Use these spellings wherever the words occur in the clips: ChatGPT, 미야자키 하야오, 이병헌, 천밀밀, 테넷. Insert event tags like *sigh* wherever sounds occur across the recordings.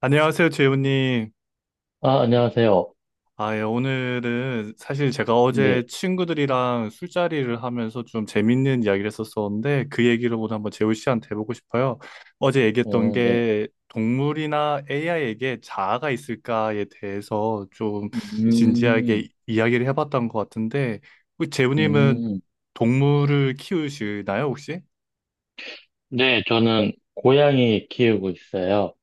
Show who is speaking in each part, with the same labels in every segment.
Speaker 1: 안녕하세요, 재훈님.
Speaker 2: 아, 안녕하세요.
Speaker 1: 오늘은 사실 제가 어제
Speaker 2: 네,
Speaker 1: 친구들이랑 술자리를 하면서 좀 재밌는 이야기를 했었었는데 그 얘기를 오늘 한번 재훈 씨한테 해보고 싶어요. 어제 얘기했던
Speaker 2: 어, 네.
Speaker 1: 게 동물이나 AI에게 자아가 있을까에 대해서 좀
Speaker 2: 음,
Speaker 1: 진지하게 이야기를 해봤던 것 같은데 혹시 재훈님은
Speaker 2: 음.
Speaker 1: 동물을 키우시나요, 혹시?
Speaker 2: 네, 저는 고양이 키우고 있어요.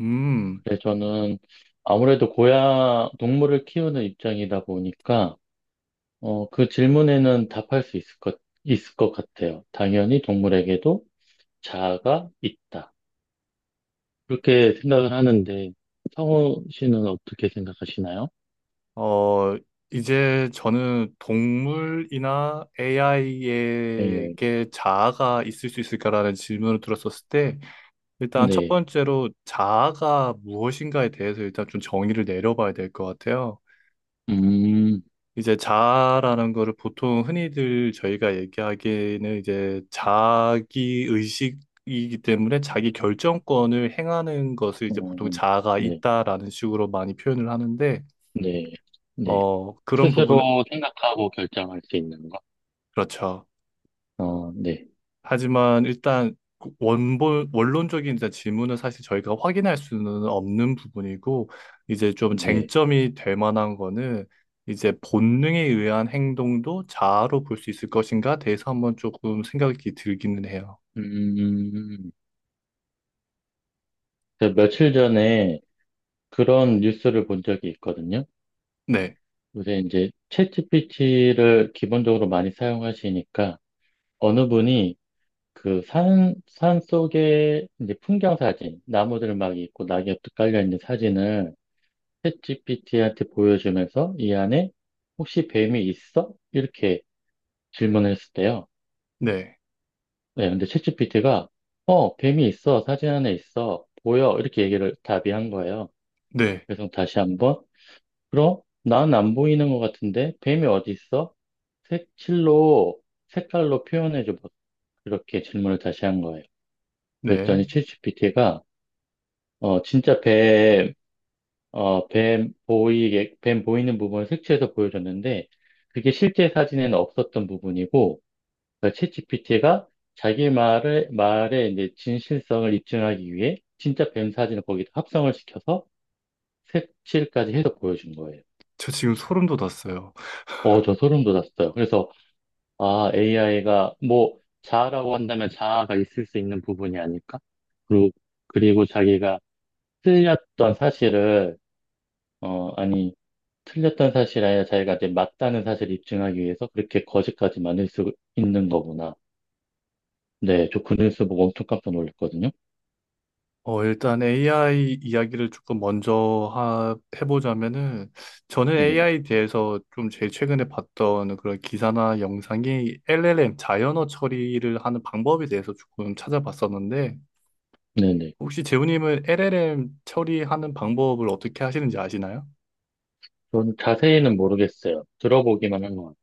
Speaker 1: 음.
Speaker 2: 그래서 저는 아무래도 동물을 키우는 입장이다 보니까, 어, 그 질문에는 답할 수 있을 것, 있을 것 같아요. 당연히 동물에게도 자아가 있다, 그렇게 생각을 하는데, 성우 씨는 어떻게 생각하시나요?
Speaker 1: 어, 이제 저는 동물이나
Speaker 2: 네, 네.
Speaker 1: AI에게 자아가 있을 수 있을까라는 질문을 들었었을 때, 일단 첫
Speaker 2: 네.
Speaker 1: 번째로 자아가 무엇인가에 대해서 일단 좀 정의를 내려봐야 될 것 같아요.
Speaker 2: 음,
Speaker 1: 이제 자아라는 거를 보통 흔히들 저희가 얘기하기에는 이제 자기 의식이기 때문에 자기 결정권을 행하는 것을 이제
Speaker 2: 그렇죠.
Speaker 1: 보통
Speaker 2: 어,
Speaker 1: 자아가
Speaker 2: 네.
Speaker 1: 있다라는 식으로 많이 표현을 하는데,
Speaker 2: 네, 네.
Speaker 1: 그런 부분은,
Speaker 2: 스스로 생각하고 결정할 수 있는 거?
Speaker 1: 그렇죠.
Speaker 2: 어, 네,
Speaker 1: 하지만 일단 그 원본 원론적인 이제 질문은 사실 저희가 확인할 수는 없는 부분이고 이제 좀
Speaker 2: 네.
Speaker 1: 쟁점이 될 만한 거는 이제 본능에 의한 행동도 자아로 볼 수 있을 것인가 대해서 한번 조금 생각이 들기는 해요.
Speaker 2: 음, 제가 며칠 전에 그런 뉴스를 본 적이 있거든요.
Speaker 1: 네,
Speaker 2: 요새 이제 챗GPT를 기본적으로 많이 사용하시니까 어느 분이 그 산 속에 이제 풍경 사진, 나무들 막 있고 낙엽도 깔려 있는 사진을 챗GPT한테 보여주면서 이 안에 혹시 뱀이 있어? 이렇게 질문을 했을 때요.
Speaker 1: 네,
Speaker 2: 네, 근데 챗GPT가 어, 뱀이 있어. 사진 안에 있어. 보여. 이렇게 얘기를 답이한 거예요.
Speaker 1: 네,
Speaker 2: 그래서 다시 한번, 그럼 난 안 보이는 것 같은데 뱀이 어디 있어? 색칠로, 색깔로 표현해줘. 봐. 이렇게 질문을 다시 한 거예요.
Speaker 1: 네.
Speaker 2: 그랬더니 챗GPT가 어, 진짜 뱀 보이는 부분을 색칠해서 보여줬는데, 그게 실제 사진에는 없었던 부분이고, 그러니까 챗 PT 가 자기 말의 이제 진실성을 입증하기 위해 진짜 뱀 사진을 거기다 합성을 시켜서 색칠까지 해서 보여준 거예요.
Speaker 1: 저 지금 소름 돋았어요.
Speaker 2: 어, 저 소름 돋았어요. 그래서, 아, AI가 뭐, 자아라고 한다면 자아가 있을 수 있는 부분이 아닐까? 그리고, 그리고 자기가 틀렸던 사실을, 어, 아니, 틀렸던 사실이 아니라 자기가 이제 맞다는 사실을 입증하기 위해서 그렇게 거짓까지 만들 수 있는 거구나. 네, 저 그 뉴스 보고 엄청 깜짝 놀랐거든요.
Speaker 1: 일단 AI 이야기를 조금 먼저 해보자면은, 저는
Speaker 2: 네,
Speaker 1: AI에 대해서 좀 제일 최근에 봤던 그런 기사나 영상이 LLM, 자연어 처리를 하는 방법에 대해서 조금 찾아봤었는데,
Speaker 2: 네네.
Speaker 1: 혹시 재훈님은 LLM 처리하는 방법을 어떻게 하시는지 아시나요?
Speaker 2: 전 자세히는 모르겠어요. 들어보기만 한 것 같아요.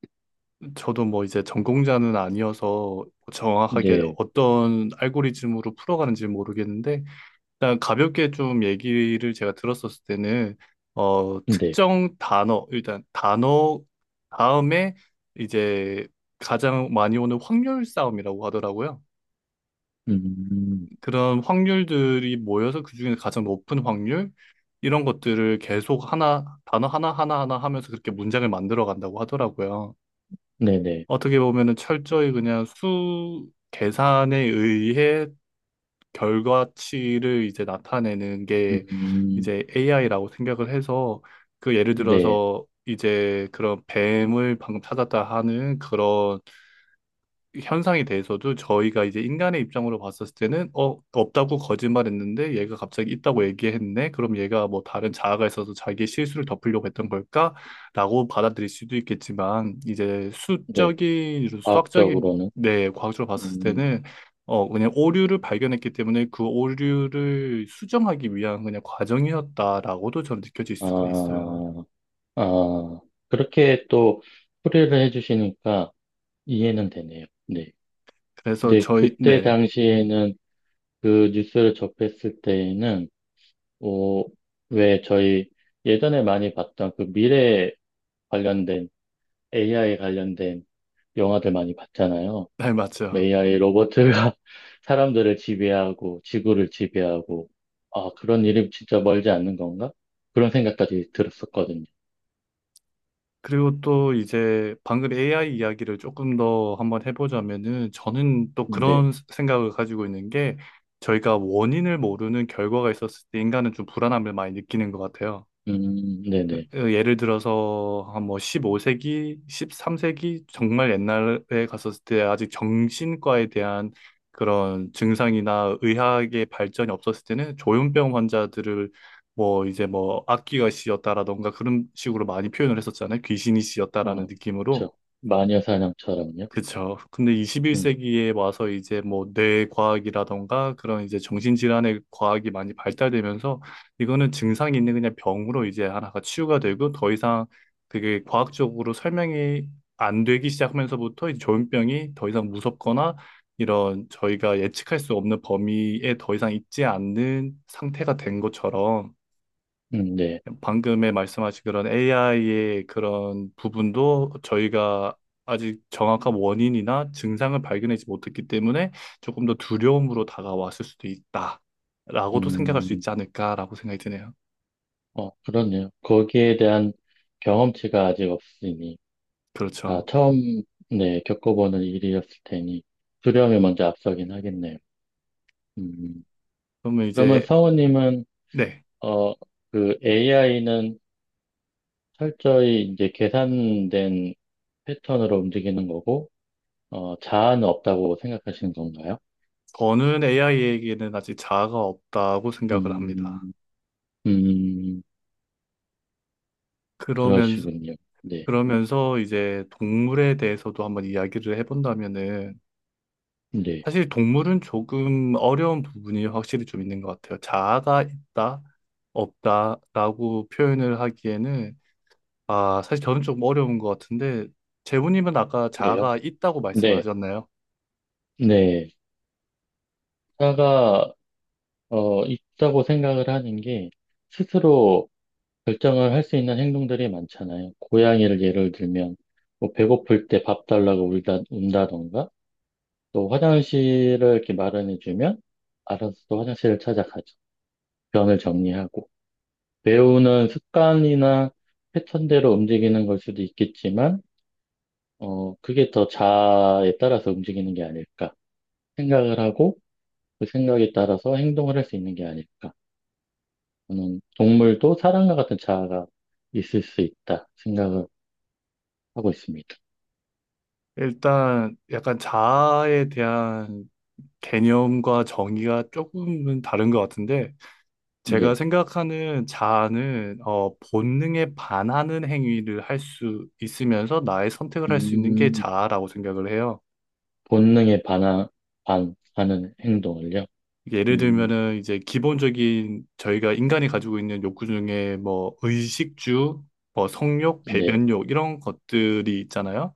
Speaker 1: 저도 뭐 이제 전공자는 아니어서 정확하게
Speaker 2: 네,
Speaker 1: 어떤 알고리즘으로 풀어가는지 모르겠는데, 일단 가볍게 좀 얘기를 제가 들었었을 때는
Speaker 2: 네,
Speaker 1: 특정 단어 일단 단어 다음에 이제 가장 많이 오는 확률 싸움이라고 하더라고요.
Speaker 2: 음,
Speaker 1: 그런 확률들이 모여서 그중에 가장 높은 확률 이런 것들을 계속 하나 단어 하나 하면서 그렇게 문장을 만들어 간다고 하더라고요.
Speaker 2: 네네,
Speaker 1: 어떻게 보면은 철저히 그냥 수 계산에 의해 결과치를 이제 나타내는 게
Speaker 2: 음,
Speaker 1: 이제 AI라고 생각을 해서 그 예를
Speaker 2: 네,
Speaker 1: 들어서 이제 그런 뱀을 방금 찾았다 하는 그런 현상에 대해서도 저희가 이제 인간의 입장으로 봤었을 때는 없다고 거짓말했는데 얘가 갑자기 있다고 얘기했네. 그럼 얘가 뭐 다른 자아가 있어서 자기의 실수를 덮으려고 했던 걸까라고 받아들일 수도 있겠지만, 이제
Speaker 2: 네.
Speaker 1: 수적인 수학적인
Speaker 2: 과학적으로는,
Speaker 1: 네 과학적으로 봤을
Speaker 2: 음,
Speaker 1: 때는 그냥 오류를 발견했기 때문에 그 오류를 수정하기 위한 그냥 과정이었다라고도 저는 느껴질 수가
Speaker 2: 아,
Speaker 1: 있어요.
Speaker 2: 아, 그렇게 또 풀이를 해주시니까 이해는 되네요. 네.
Speaker 1: 그래서
Speaker 2: 근데
Speaker 1: 저희.
Speaker 2: 그때
Speaker 1: 네네.
Speaker 2: 당시에는, 그 뉴스를 접했을 때에는, 어, 왜 저희 예전에 많이 봤던 그 미래 관련된, AI 관련된 영화들 많이 봤잖아요.
Speaker 1: 네 맞죠.
Speaker 2: AI 로버트가 *laughs* 사람들을 지배하고 지구를 지배하고, 아 그런 일이 진짜 멀지 않는 건가? 그런 생각까지 들었었거든요.
Speaker 1: 그리고 또 이제 방금 AI 이야기를 조금 더 한번 해보자면은, 저는 또
Speaker 2: 네,
Speaker 1: 그런 생각을 가지고 있는 게 저희가 원인을 모르는 결과가 있었을 때 인간은 좀 불안함을 많이 느끼는 것 같아요.
Speaker 2: 네네.
Speaker 1: 예를 들어서 한 뭐 15세기, 13세기 정말 옛날에 갔었을 때 아직 정신과에 대한 그런 증상이나 의학의 발전이 없었을 때는 조현병 환자들을 악귀가 씌었다라던가 그런 식으로 많이 표현을 했었잖아요. 귀신이 씌었다라는
Speaker 2: 어,
Speaker 1: 느낌으로.
Speaker 2: 저 마녀 사냥처럼요.
Speaker 1: 그쵸. 근데
Speaker 2: 음,
Speaker 1: 21세기에 와서 이제 뭐 뇌과학이라던가 그런 이제 정신질환의 과학이 많이 발달되면서 이거는 증상이 있는 그냥 병으로 이제 하나가 치유가 되고 더 이상 그게 과학적으로 설명이 안 되기 시작하면서부터, 이 조현병이 더 이상 무섭거나 이런 저희가 예측할 수 없는 범위에 더 이상 있지 않는 상태가 된 것처럼,
Speaker 2: 네.
Speaker 1: 방금에 말씀하신 그런 AI의 그런 부분도 저희가 아직 정확한 원인이나 증상을 발견하지 못했기 때문에 조금 더 두려움으로 다가왔을 수도 있다라고도 생각할 수
Speaker 2: 음,
Speaker 1: 있지 않을까라고 생각이 드네요.
Speaker 2: 어, 그렇네요. 거기에 대한 경험치가 아직 없으니, 다
Speaker 1: 그렇죠.
Speaker 2: 처음, 네 겪어보는 일이었을 테니 두려움이 먼저 앞서긴 하겠네요. 음,
Speaker 1: 그러면
Speaker 2: 그러면
Speaker 1: 이제,
Speaker 2: 성우님은
Speaker 1: 네.
Speaker 2: 어 그 AI는 철저히 이제 계산된 패턴으로 움직이는 거고, 어, 자아는 없다고 생각하시는 건가요?
Speaker 1: 저는 AI에게는 아직 자아가 없다고 생각을 합니다.
Speaker 2: 음, 음,
Speaker 1: 그러면서,
Speaker 2: 그러시군요. 네,
Speaker 1: 그러면서 이제 동물에 대해서도 한번 이야기를 해본다면은,
Speaker 2: 네,
Speaker 1: 사실 동물은 조금 어려운 부분이 확실히 좀 있는 것 같아요. 자아가 있다, 없다라고 표현을 하기에는, 사실 저는 좀 어려운 것 같은데, 재훈님은 아까
Speaker 2: 그래요?
Speaker 1: 자아가 있다고 말씀을
Speaker 2: 네,
Speaker 1: 하셨나요?
Speaker 2: 네. 자아가, 어, 있다고 생각을 하는 게, 스스로 결정을 할 수 있는 행동들이 많잖아요. 고양이를 예를 들면, 뭐 배고플 때 밥 달라고 운다던가, 또 화장실을 이렇게 마련해주면, 알아서 또 화장실을 찾아가죠. 변을 정리하고. 배우는 습관이나 패턴대로 움직이는 걸 수도 있겠지만, 어, 그게 더 자아에 따라서 움직이는 게 아닐까. 생각을 하고 그 생각에 따라서 행동을 할 수 있는 게 아닐까. 저는 동물도 사람과 같은 자아가 있을 수 있다 생각을 하고 있습니다.
Speaker 1: 일단 약간 자아에 대한 개념과 정의가 조금은 다른 것 같은데 제가
Speaker 2: 네.
Speaker 1: 생각하는 자아는 본능에 반하는 행위를 할 수 있으면서 나의 선택을 할 수 있는 게
Speaker 2: 음,
Speaker 1: 자아라고 생각을 해요.
Speaker 2: 본능에 반하, 하는 행동을요.
Speaker 1: 이게 예를
Speaker 2: 음,
Speaker 1: 들면은 이제 기본적인 저희가 인간이 가지고 있는 욕구 중에 뭐 의식주, 뭐 성욕,
Speaker 2: 네,
Speaker 1: 배변욕 이런 것들이 있잖아요.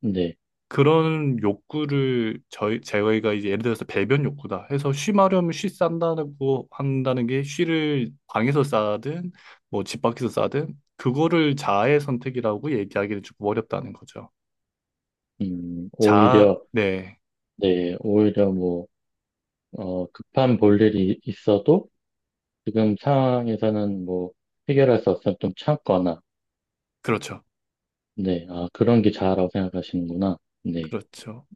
Speaker 2: 네.
Speaker 1: 그런 욕구를 저희가 이제 예를 들어서 배변 욕구다 해서 쉬 마려면 쉬 싼다고 한다는 게, 쉬를 방에서 싸든 뭐 집 밖에서 싸든 그거를 자아의 선택이라고 얘기하기는 조금 어렵다는 거죠.
Speaker 2: 오히려,
Speaker 1: 네,
Speaker 2: 네, 오히려 뭐, 어, 급한 볼일이 있어도 지금 상황에서는 뭐 해결할 수 없으면 좀 참거나,
Speaker 1: 그렇죠.
Speaker 2: 네, 아, 그런 게 자아라고 생각하시는구나. 네,
Speaker 1: 그렇죠.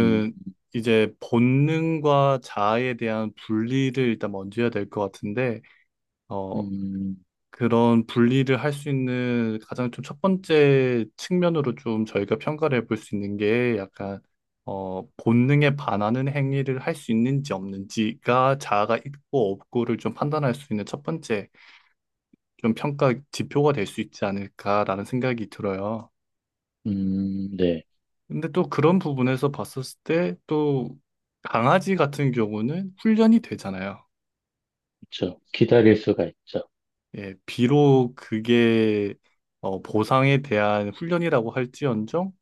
Speaker 2: 음,
Speaker 1: 이제 본능과 자아에 대한 분리를 일단 먼저 해야 될 것 같은데, 어,
Speaker 2: 음,
Speaker 1: 그런 분리를 할 수 있는 가장 좀 첫 번째 측면으로 좀 저희가 평가를 해볼 수 있는 게 약간, 본능에 반하는 행위를 할 수 있는지 없는지가 자아가 있고 없고를 좀 판단할 수 있는 첫 번째 좀 평가 지표가 될 수 있지 않을까라는 생각이 들어요.
Speaker 2: 네,
Speaker 1: 근데 또 그런 부분에서 봤었을 때, 또 강아지 같은 경우는 훈련이 되잖아요.
Speaker 2: 그렇죠. 기다릴 수가 있죠.
Speaker 1: 예, 비록 그게 보상에 대한 훈련이라고 할지언정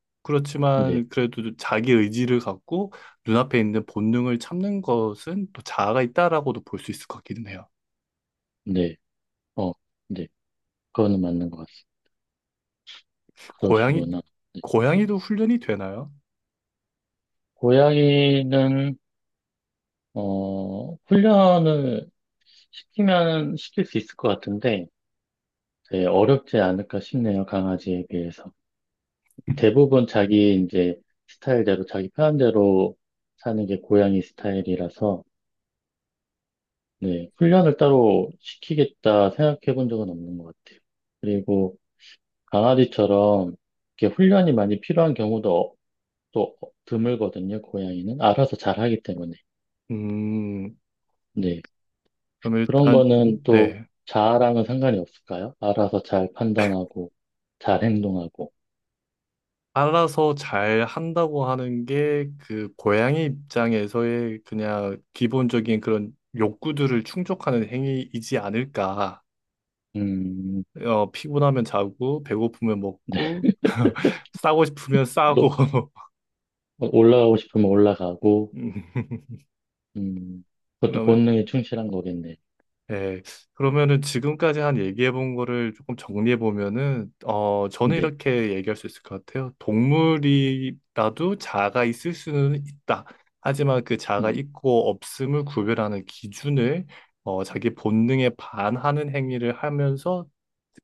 Speaker 2: 네,
Speaker 1: 그렇지만 그래도 자기 의지를 갖고 눈앞에 있는 본능을 참는 것은 또 자아가 있다라고도 볼 수 있을 것 같기는 해요.
Speaker 2: 네, 어, 네, 그거는 맞는 것 같습니다.
Speaker 1: 고양이
Speaker 2: 그러시구나. 네.
Speaker 1: 고양이도 훈련이 되나요?
Speaker 2: 고양이는 어, 훈련을 시키면 시킬 수 있을 것 같은데, 네, 어렵지 않을까 싶네요. 강아지에 비해서. 대부분 자기 이제 스타일대로, 자기 편한 대로 사는 게 고양이 스타일이라서, 네, 훈련을 따로 시키겠다 생각해 본 적은 없는 것 같아요. 그리고 강아지처럼 이렇게 훈련이 많이 필요한 경우도 어- 또 어- 드물거든요, 고양이는. 알아서 잘 하기 때문에.
Speaker 1: 음,
Speaker 2: 네,
Speaker 1: 그럼
Speaker 2: 그런
Speaker 1: 일단,
Speaker 2: 거는 또
Speaker 1: 네.
Speaker 2: 자아랑은 상관이 없을까요? 알아서 잘 판단하고, 잘 행동하고,
Speaker 1: 알아서 잘 한다고 하는 게 그 고양이 입장에서의 그냥 기본적인 그런 욕구들을 충족하는 행위이지 않을까.
Speaker 2: 음,
Speaker 1: 피곤하면 자고, 배고프면 먹고, 싸고 싶으면 싸고.
Speaker 2: 높- 올라가고 싶으면
Speaker 1: *laughs*
Speaker 2: 올라가고,
Speaker 1: 음,
Speaker 2: 음, 그것도
Speaker 1: 그러면
Speaker 2: 본능에 충실한 거겠네.
Speaker 1: 네, 그러면은 지금까지 한 얘기해 본 거를 조금 정리해 보면은, 저는
Speaker 2: 네,
Speaker 1: 이렇게 얘기할 수 있을 것 같아요. 동물이라도 자아가 있을 수는 있다. 하지만 그 자아가
Speaker 2: 음,
Speaker 1: 있고 없음을 구별하는 기준을, 자기 본능에 반하는 행위를 하면서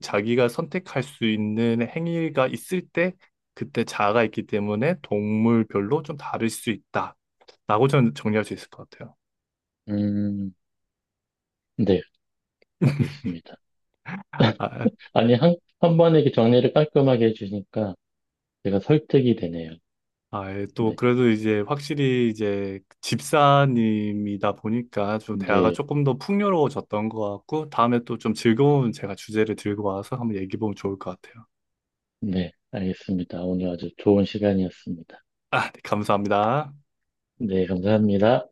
Speaker 1: 자기가 선택할 수 있는 행위가 있을 때, 그때 자아가 있기 때문에 동물별로 좀 다를 수 있다 라고 저는 정리할 수 있을 것 같아요.
Speaker 2: 음, 네, 알겠습니다.
Speaker 1: 아,
Speaker 2: 아니, 한 번에 이렇게 정리를 깔끔하게 해주니까 제가 설득이 되네요.
Speaker 1: 아, 예, 또
Speaker 2: 네,
Speaker 1: 그래도 이제 확실히 이제 집사님이다 보니까 좀 대화가
Speaker 2: 네,
Speaker 1: 조금 더 풍요로워졌던 것 같고, 다음에 또 좀 즐거운 제가 주제를 들고 와서 한번 얘기해 보면 좋을 것 같아요.
Speaker 2: 네, 알겠습니다. 오늘 아주 좋은 시간이었습니다.
Speaker 1: 아, 네, 감사합니다.
Speaker 2: 네, 감사합니다.